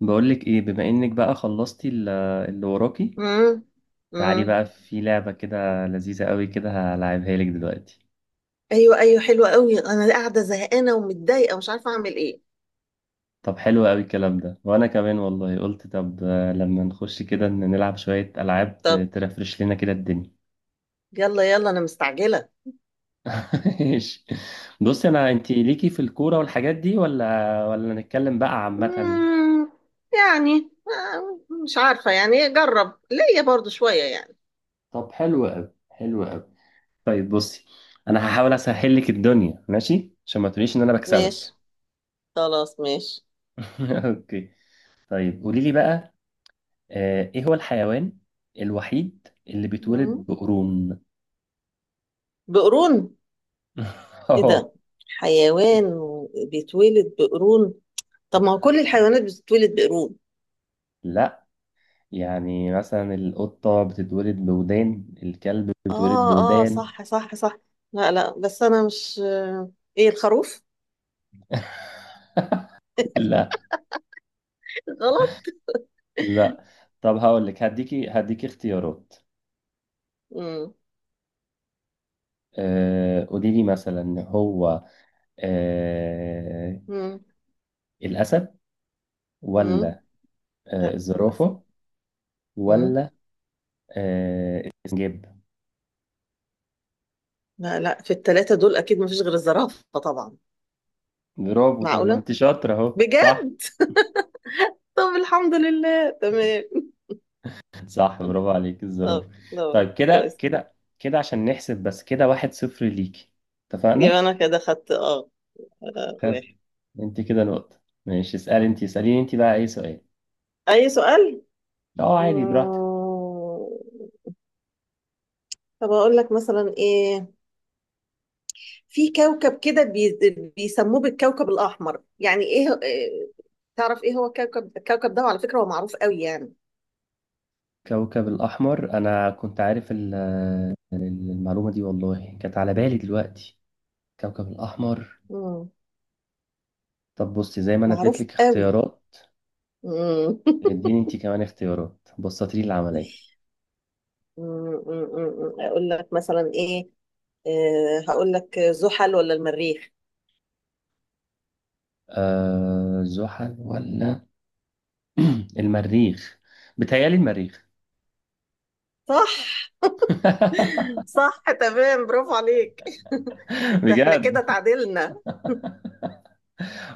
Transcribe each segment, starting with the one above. بقولك ايه، بما انك بقى خلصتي اللي وراكي. امم. تعالي امم. بقى، في لعبة كده لذيذة قوي كده هلعبها لك دلوقتي. ايوه ايوه، حلوه قوي. انا قاعده زهقانه ومتضايقه ومش عارفه اعمل ايه. طب حلو قوي الكلام ده، وانا كمان والله قلت طب، لما نخش كده نلعب شوية العاب طب ترفرش لنا كده الدنيا. يلا يلا، انا مستعجله. ماشي. بصي، انا انتي ليكي في الكورة والحاجات دي، ولا نتكلم بقى عامة؟ امم. يعني مش عارفه، يعني جرب ليا برضو شويه يعني. طب حلو قوي، حلو قوي. طيب بصي، انا هحاول اسهل لك الدنيا ماشي، عشان ما تقوليش ان انا ماشي. بكسبك. خلاص ماشي. اوكي. طيب قولي لي بقى، ايه هو الحيوان الوحيد اللي مم. بيتولد بقرون؟ بقرون. ايه أوه. ده؟ حيوان بيتولد بقرون؟ طب ما هو كل الحيوانات بتتولد بقرون. لا، يعني مثلا القطة بتتولد بودان، الكلب بيتولد اه. اه بودان. صح صح صح. لا لا، بس انا مش ايه الخروف؟ لا غلط. لا. طب هقول لك، هديكي اختيارات. قولي لي مثلا، هو آه، امم. الأسد، مم. ولا لا، مثلا. الزرافة، مم. ولا السنجاب؟ لا لا، في الثلاثة دول أكيد مفيش غير الزرافة طبعا. برافو. طب ما معقولة؟ انت شاطرة اهو، صح. بجد؟ طب الحمد لله، تمام. صح، برافو عليك، طب الزرافة. طب. طيب كده كويس. كده كده، عشان نحسب بس كده، واحد صفر ليكي، اتفقنا. يبقى أنا كده خدت واحد. خد، انت كده نقطة، ماشي. اسألي انت، اسأليني انت بقى اي سؤال. أي سؤال؟ اه، عادي مم. براحتك. طب أقول لك مثلا إيه. في كوكب كده بيسموه بالكوكب الأحمر. يعني تعرف إيه هو الكوكب ده؟ وعلى فكرة هو معروف قوي يعني. كوكب الأحمر، أنا كنت عارف المعلومة دي والله، كانت على بالي دلوقتي، كوكب الأحمر. مم. طب بصي، زي ما أنا اديت معروف لك قوي. اختيارات، مم. اديني انت كمان اختيارات، بسطي لي العملية. مم، اقول لك مثلا ايه. هقول لك زحل ولا المريخ؟ زحل ولا المريخ؟ بتهيألي المريخ. صح. صح تمام، برافو عليك. احنا بجد؟ كده تعادلنا.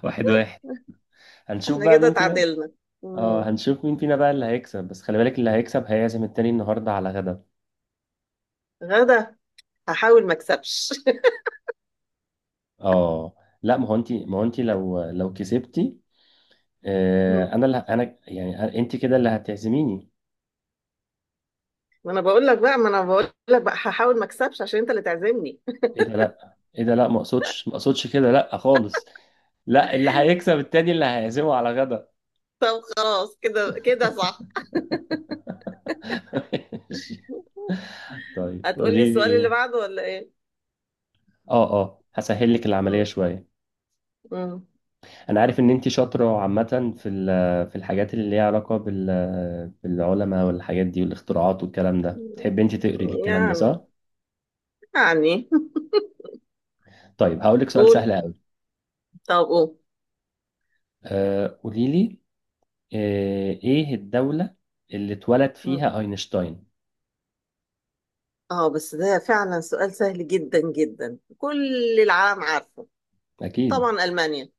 واحد واحد، هنشوف احنا بقى كده مين فينا. تعادلنا. اه، مم. هنشوف مين فينا بقى اللي هيكسب، بس خلي بالك، اللي هيكسب هيعزم التاني النهارده على غدا. غدا. هحاول ما اكسبش. اه. لا، ما هو انت لو كسبتي، آه مم. انا اللي ه- انا يعني انت كده اللي هتعزميني. ما انا بقول لك بقى ما انا بقول لك بقى هحاول ما اكسبش عشان انت اللي تعزمني. ايه ده لا، ما اقصدش كده، لا خالص. لا، اللي هيكسب التاني اللي هيعزمه على غدا. طب خلاص، كده كده صح. ماشي. طيب هتقولي قولي السؤال اللي لي، بعده ولا ايه؟ اه هسهل لك العملية مم. شوية. مم. انا عارف ان انت شاطره عامه في الحاجات اللي ليها علاقه بالعلماء والحاجات دي والاختراعات والكلام ده، بتحبي انت تقري الكلام ده، يعني صح؟ يعني طيب هقول لك سؤال قول سهل قوي. طب قول. قولي لي، ايه الدوله اللي اتولد فيها اينشتاين؟ اه بس ده فعلا سؤال سهل جدا جدا، كل العالم عارفه. اكيد. طبعا المانيا.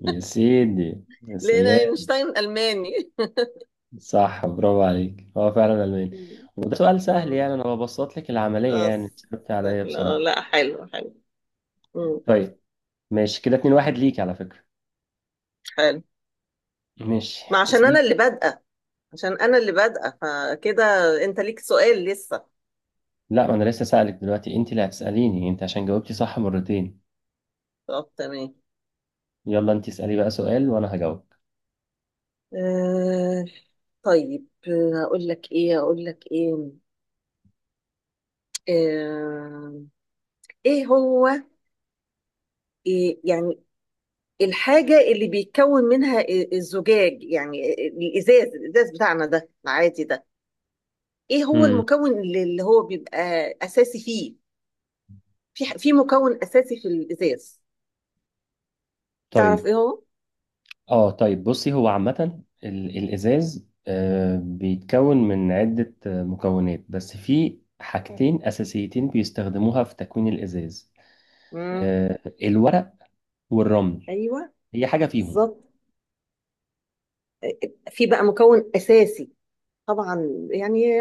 يا سيدي، يا لان سلام. اينشتاين الماني. صح، برافو عليك، هو فعلا الماني. مم. وده سؤال سهل مم. يعني، انا ببسط لك العمليه اه يعني، صعبت عليا لا بصراحه. لا، حلو حلو. مم. طيب ماشي كده، 2 واحد ليك على فكره. حلو. ماشي، ما عشان انا اسالي. اللي بادئه. عشان انا اللي بادئه فكده. انت ليك سؤال لسه؟ لا، ما انا لسه سألك دلوقتي، انت اللي هتسأليني انت، عشان جاوبتي صح مرتين. طب تمام. يلا انت اسألي بقى سؤال، وانا هجاوب. آه اقول لك ايه، آه ايه هو؟ إيه يعني الحاجة اللي بيتكون منها الزجاج، يعني الإزاز، بتاعنا ده العادي ده؟ إيه هو امم المكون اللي هو بيبقى أساسي فيه؟ في في مكون أساسي في الإزاز. تعرف طيب. إيه هو؟ اه طيب بصي، هو عامة الازاز بيتكون من عدة مكونات، بس في حاجتين اساسيتين بيستخدموها في تكوين الازاز. مم. الورق والرمل، أيوه. هي حاجة فيهم. بالظبط. في بقى مكون أساسي، طبعا يعني،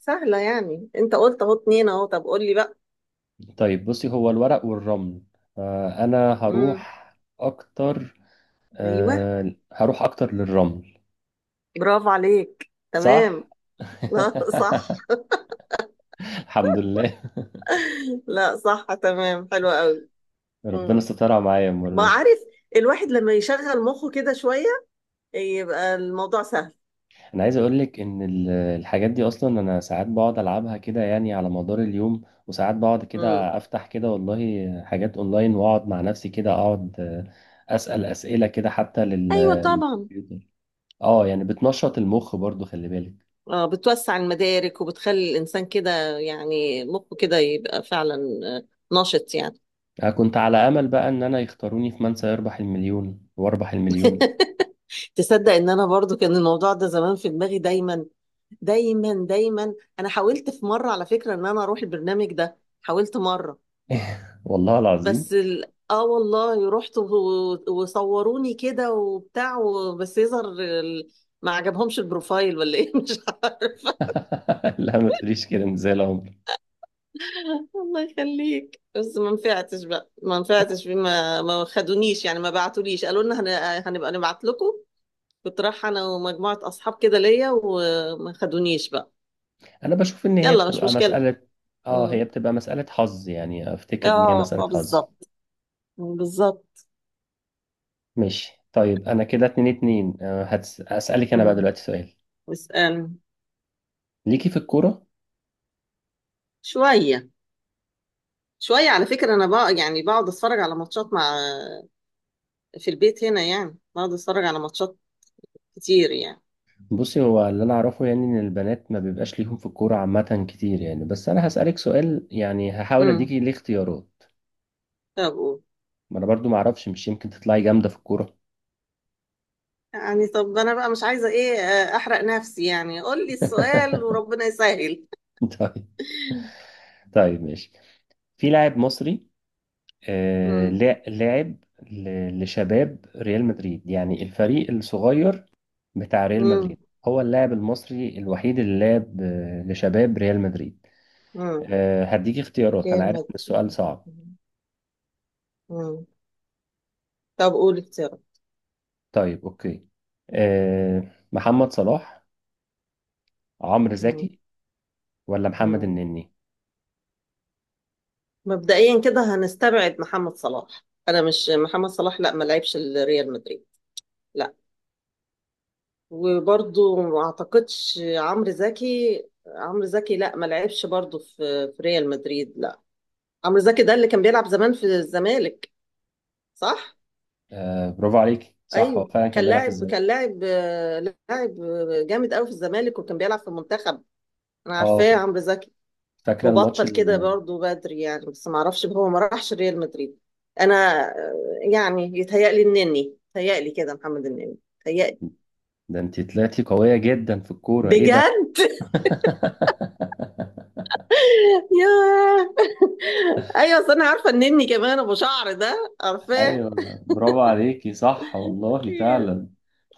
سهلة يعني. أنت قلت أهو اتنين، أهو طب قول لي بقى. طيب بصي، هو الورق والرمل، انا مم. هروح اكتر. أيوه. هروح اكتر للرمل. برافو عليك، تمام. صح. لا صح الحمد لله. لا صح تمام، حلوة قوي. ربنا سترها معايا ما المرة دي. عارف، الواحد لما يشغل مخه كده شوية يبقى الموضوع سهل. أنا عايز أقولك إن الحاجات دي أصلا، أنا ساعات بقعد ألعبها كده يعني على مدار اليوم، وساعات بقعد امم. كده أفتح كده والله حاجات أونلاين، وأقعد مع نفسي كده أقعد، أسأل أسئلة كده حتى لل- ايوه طبعا. للكمبيوتر أه، يعني بتنشط المخ برضو، خلي بالك. اه، بتوسع المدارك وبتخلي الانسان كده، يعني مخه كده يبقى فعلا نشط يعني. أنا كنت على أمل بقى إن أنا يختاروني في من سيربح المليون وأربح المليون. تصدق ان انا برضو كان الموضوع ده زمان في دماغي، دايما دايما دايما. انا حاولت في مرة على فكرة ان انا اروح البرنامج ده، حاولت مرة. والله بس العظيم. ال... اه والله رحت وصوروني كده وبتاع بس يظهر ما عجبهمش البروفايل ولا ايه، مش عارف. لا، ما تقوليش كده، إنت زي العمر. الله يخليك. بس ما نفعتش بقى، ما نفعتش بما ما خدونيش يعني، ما بعتوليش، قالوا لنا هنبقى نبعت لكم. كنت رايحه انا ومجموعه اصحاب كده ليا، وما خدونيش بقى. انا بشوف ان هي يلا مش بتبقى مشكله. مسألة، اه مم. هي بتبقى مسألة حظ يعني، افتكر ان هي اه مسألة اه، حظ. بالظبط، بالظبط. ماشي. طيب انا كده اتنين اتنين، هسألك انا بقى مم. دلوقتي سؤال. اسأل. ليكي في الكورة؟ شويه شويه، على فكره انا بقى، يعني بقعد اتفرج على ماتشات مع في البيت هنا يعني، بقعد اتفرج على ماتشات كتير يعني. بصي، هو اللي انا اعرفه يعني، ان البنات ما بيبقاش ليهم في الكورة عامة كتير يعني، بس انا هسألك سؤال يعني، هحاول امم. اديكي ليه اختيارات. طب قول. ما انا برضو ما اعرفش، مش يمكن تطلعي جامدة في الكورة. يعني طب انا بقى مش عايزه ايه، احرق نفسي يعني، قول لي السؤال وربنا يسهل. طيب طيب ماشي. في لاعب مصري، امم. لاعب لشباب ريال مدريد، يعني الفريق الصغير بتاع ريال امم. مدريد، هو اللاعب المصري الوحيد اللي لعب لشباب ريال مدريد. امم. هديك اختيارات، انا عارف كلمة. ان السؤال صعب. امم. طب قول اختيارات. طيب اوكي. آه، محمد صلاح، عمرو امم. زكي، ولا محمد امم. النني؟ مبدئيا كده هنستبعد محمد صلاح، انا مش محمد صلاح لا، ما لعبش الريال مدريد، لا. وبرضو ما اعتقدش عمرو زكي، عمرو زكي لا، ما لعبش برضو في ريال مدريد، لا. عمرو زكي ده اللي كان بيلعب زمان في الزمالك، صح. برافو عليك، صح، هو ايوه، فعلا كان بيلعب في كان الزمالك. لاعب، لاعب جامد قوي في الزمالك، وكان بيلعب في المنتخب. انا اه، عارفاه عمرو زكي. فاكره الماتش وبطل كده برضه بدري يعني، بس ما اعرفش هو ما راحش ريال مدريد. انا آه، يعني يتهيألي النني، يتهيألي كده محمد النني يتهيألي. ده انت طلعتي قويه جدا في الكوره، ايه ده. بجد. ياه. ايوه، أصل انا عارفه النني كمان، ابو شعر ده، عارفاه. ايوه، برافو عليكي، صح والله فعلا.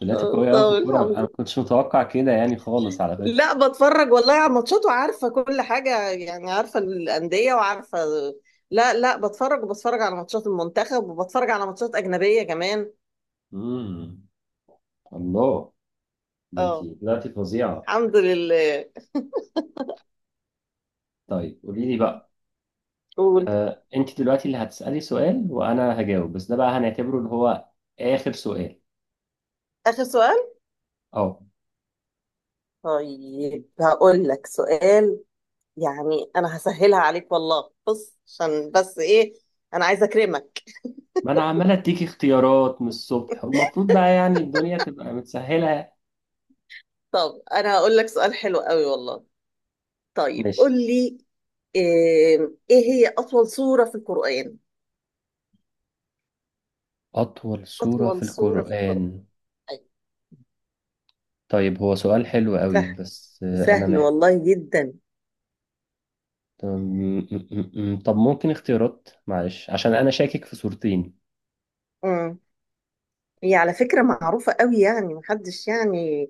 طلعتي قوية قوي في طب الكورة، انا ما الحمد. كنتش متوقع كده يعني خالص على فكرة. لا، بتفرج والله على ماتشات وعارفة كل حاجة، يعني عارفة الأندية وعارفة. لا لا، بتفرج وبتفرج على ماتشات المنتخب، وبتفرج على ماتشات أجنبية كمان. امم. الله، ده انت اه. طلعتي فظيعة. الحمد لله. طيب قولي لي بقى، قول. انت دلوقتي اللي هتسألي سؤال وانا هجاوب، بس ده بقى هنعتبره اللي هو اخر سؤال. آخر سؤال. اه، طيب هقول لك سؤال، يعني أنا هسهلها عليك والله، بص عشان بس إيه، أنا عايزة أكرمك. ما انا عمال اديكي اختيارات من الصبح، والمفروض بقى يعني الدنيا تبقى متسهلة. طب أنا هقول لك سؤال حلو قوي والله. طيب قول ماشي. لي. إيه إيه هي أطول سورة في القرآن؟ أطول سورة في أطول سورة في القرآن. القرآن؟ طيب، هو سؤال حلو قوي، سهل، بس أنا سهل محتاج. والله جدا. تمام. طب ممكن اختيارات، معلش، عشان انا شاكك في صورتين. امم. هي على فكرة معروفة قوي يعني، محدش يعني.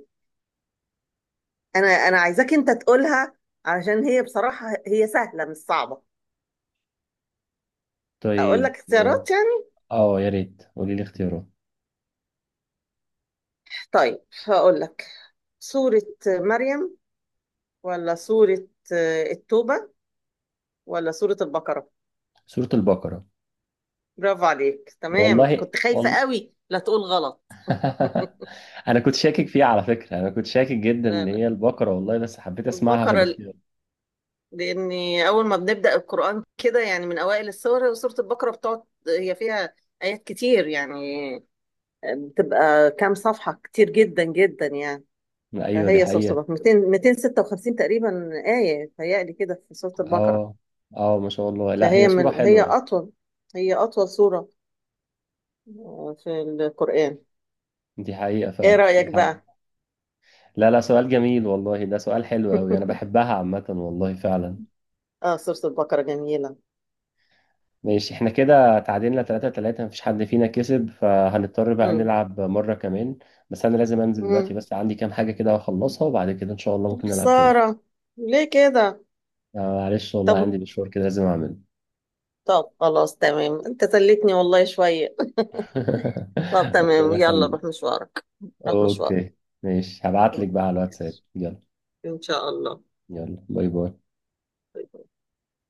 انا عايزاك انت تقولها، علشان هي بصراحة هي سهلة مش صعبة. اقول طيب. لك اختيارات يعني. يا ريت قولي لي اختيارات. طيب هقول لك: سورة مريم، ولا سورة التوبة، ولا سورة البقرة؟ سورة البقرة. برافو عليك تمام، والله كنت خايفة والله. قوي لا تقول غلط. انا كنت شاكك فيها على فكرة، انا كنت شاكك جدا لا ان لا، هي البقرة والله، بس حبيت اسمعها في البقرة. الاختيار. لاني اول ما بنبدا القران كده، يعني من اوائل السور سوره البقره بتقعد. هي فيها ايات كتير يعني، بتبقى كام صفحه، كتير جدا جدا يعني. ايوه دي فهي سوره حقيقة. البقره 200 256 تقريبا، ايه تهيألي كده في سوره البقره. اه اه، ما شاء الله، لا هي فهي صورة هي حلوة. اطول، هي اطول سوره في القران. دي حقيقة ايه فعلا، دي رايك حقيقة. بقى؟ لا لا، سؤال جميل والله، ده سؤال حلو قوي، انا بحبها عامة والله فعلا. اه، سوره البقره جميله. ماشي، احنا كده تعادلنا تلاتة تلاتة، مفيش حد فينا كسب، فهنضطر بقى امم. نلعب مرة كمان. بس أنا لازم أنزل دلوقتي، امم. بس عندي كام حاجة كده هخلصها، وبعد كده إن شاء الله ممكن نلعب تاني. خساره، ليه كده؟ معلش والله طب عندي مشوار كده لازم أعمله. طب، خلاص تمام، انت سليتني والله شويه. طب ربنا تمام، يلا يخليك. روح مشوارك. روح مشوارك. أوكي. ماشي، هبعتلك بقى على الواتساب، يلا. إن شاء الله. يلا، باي باي.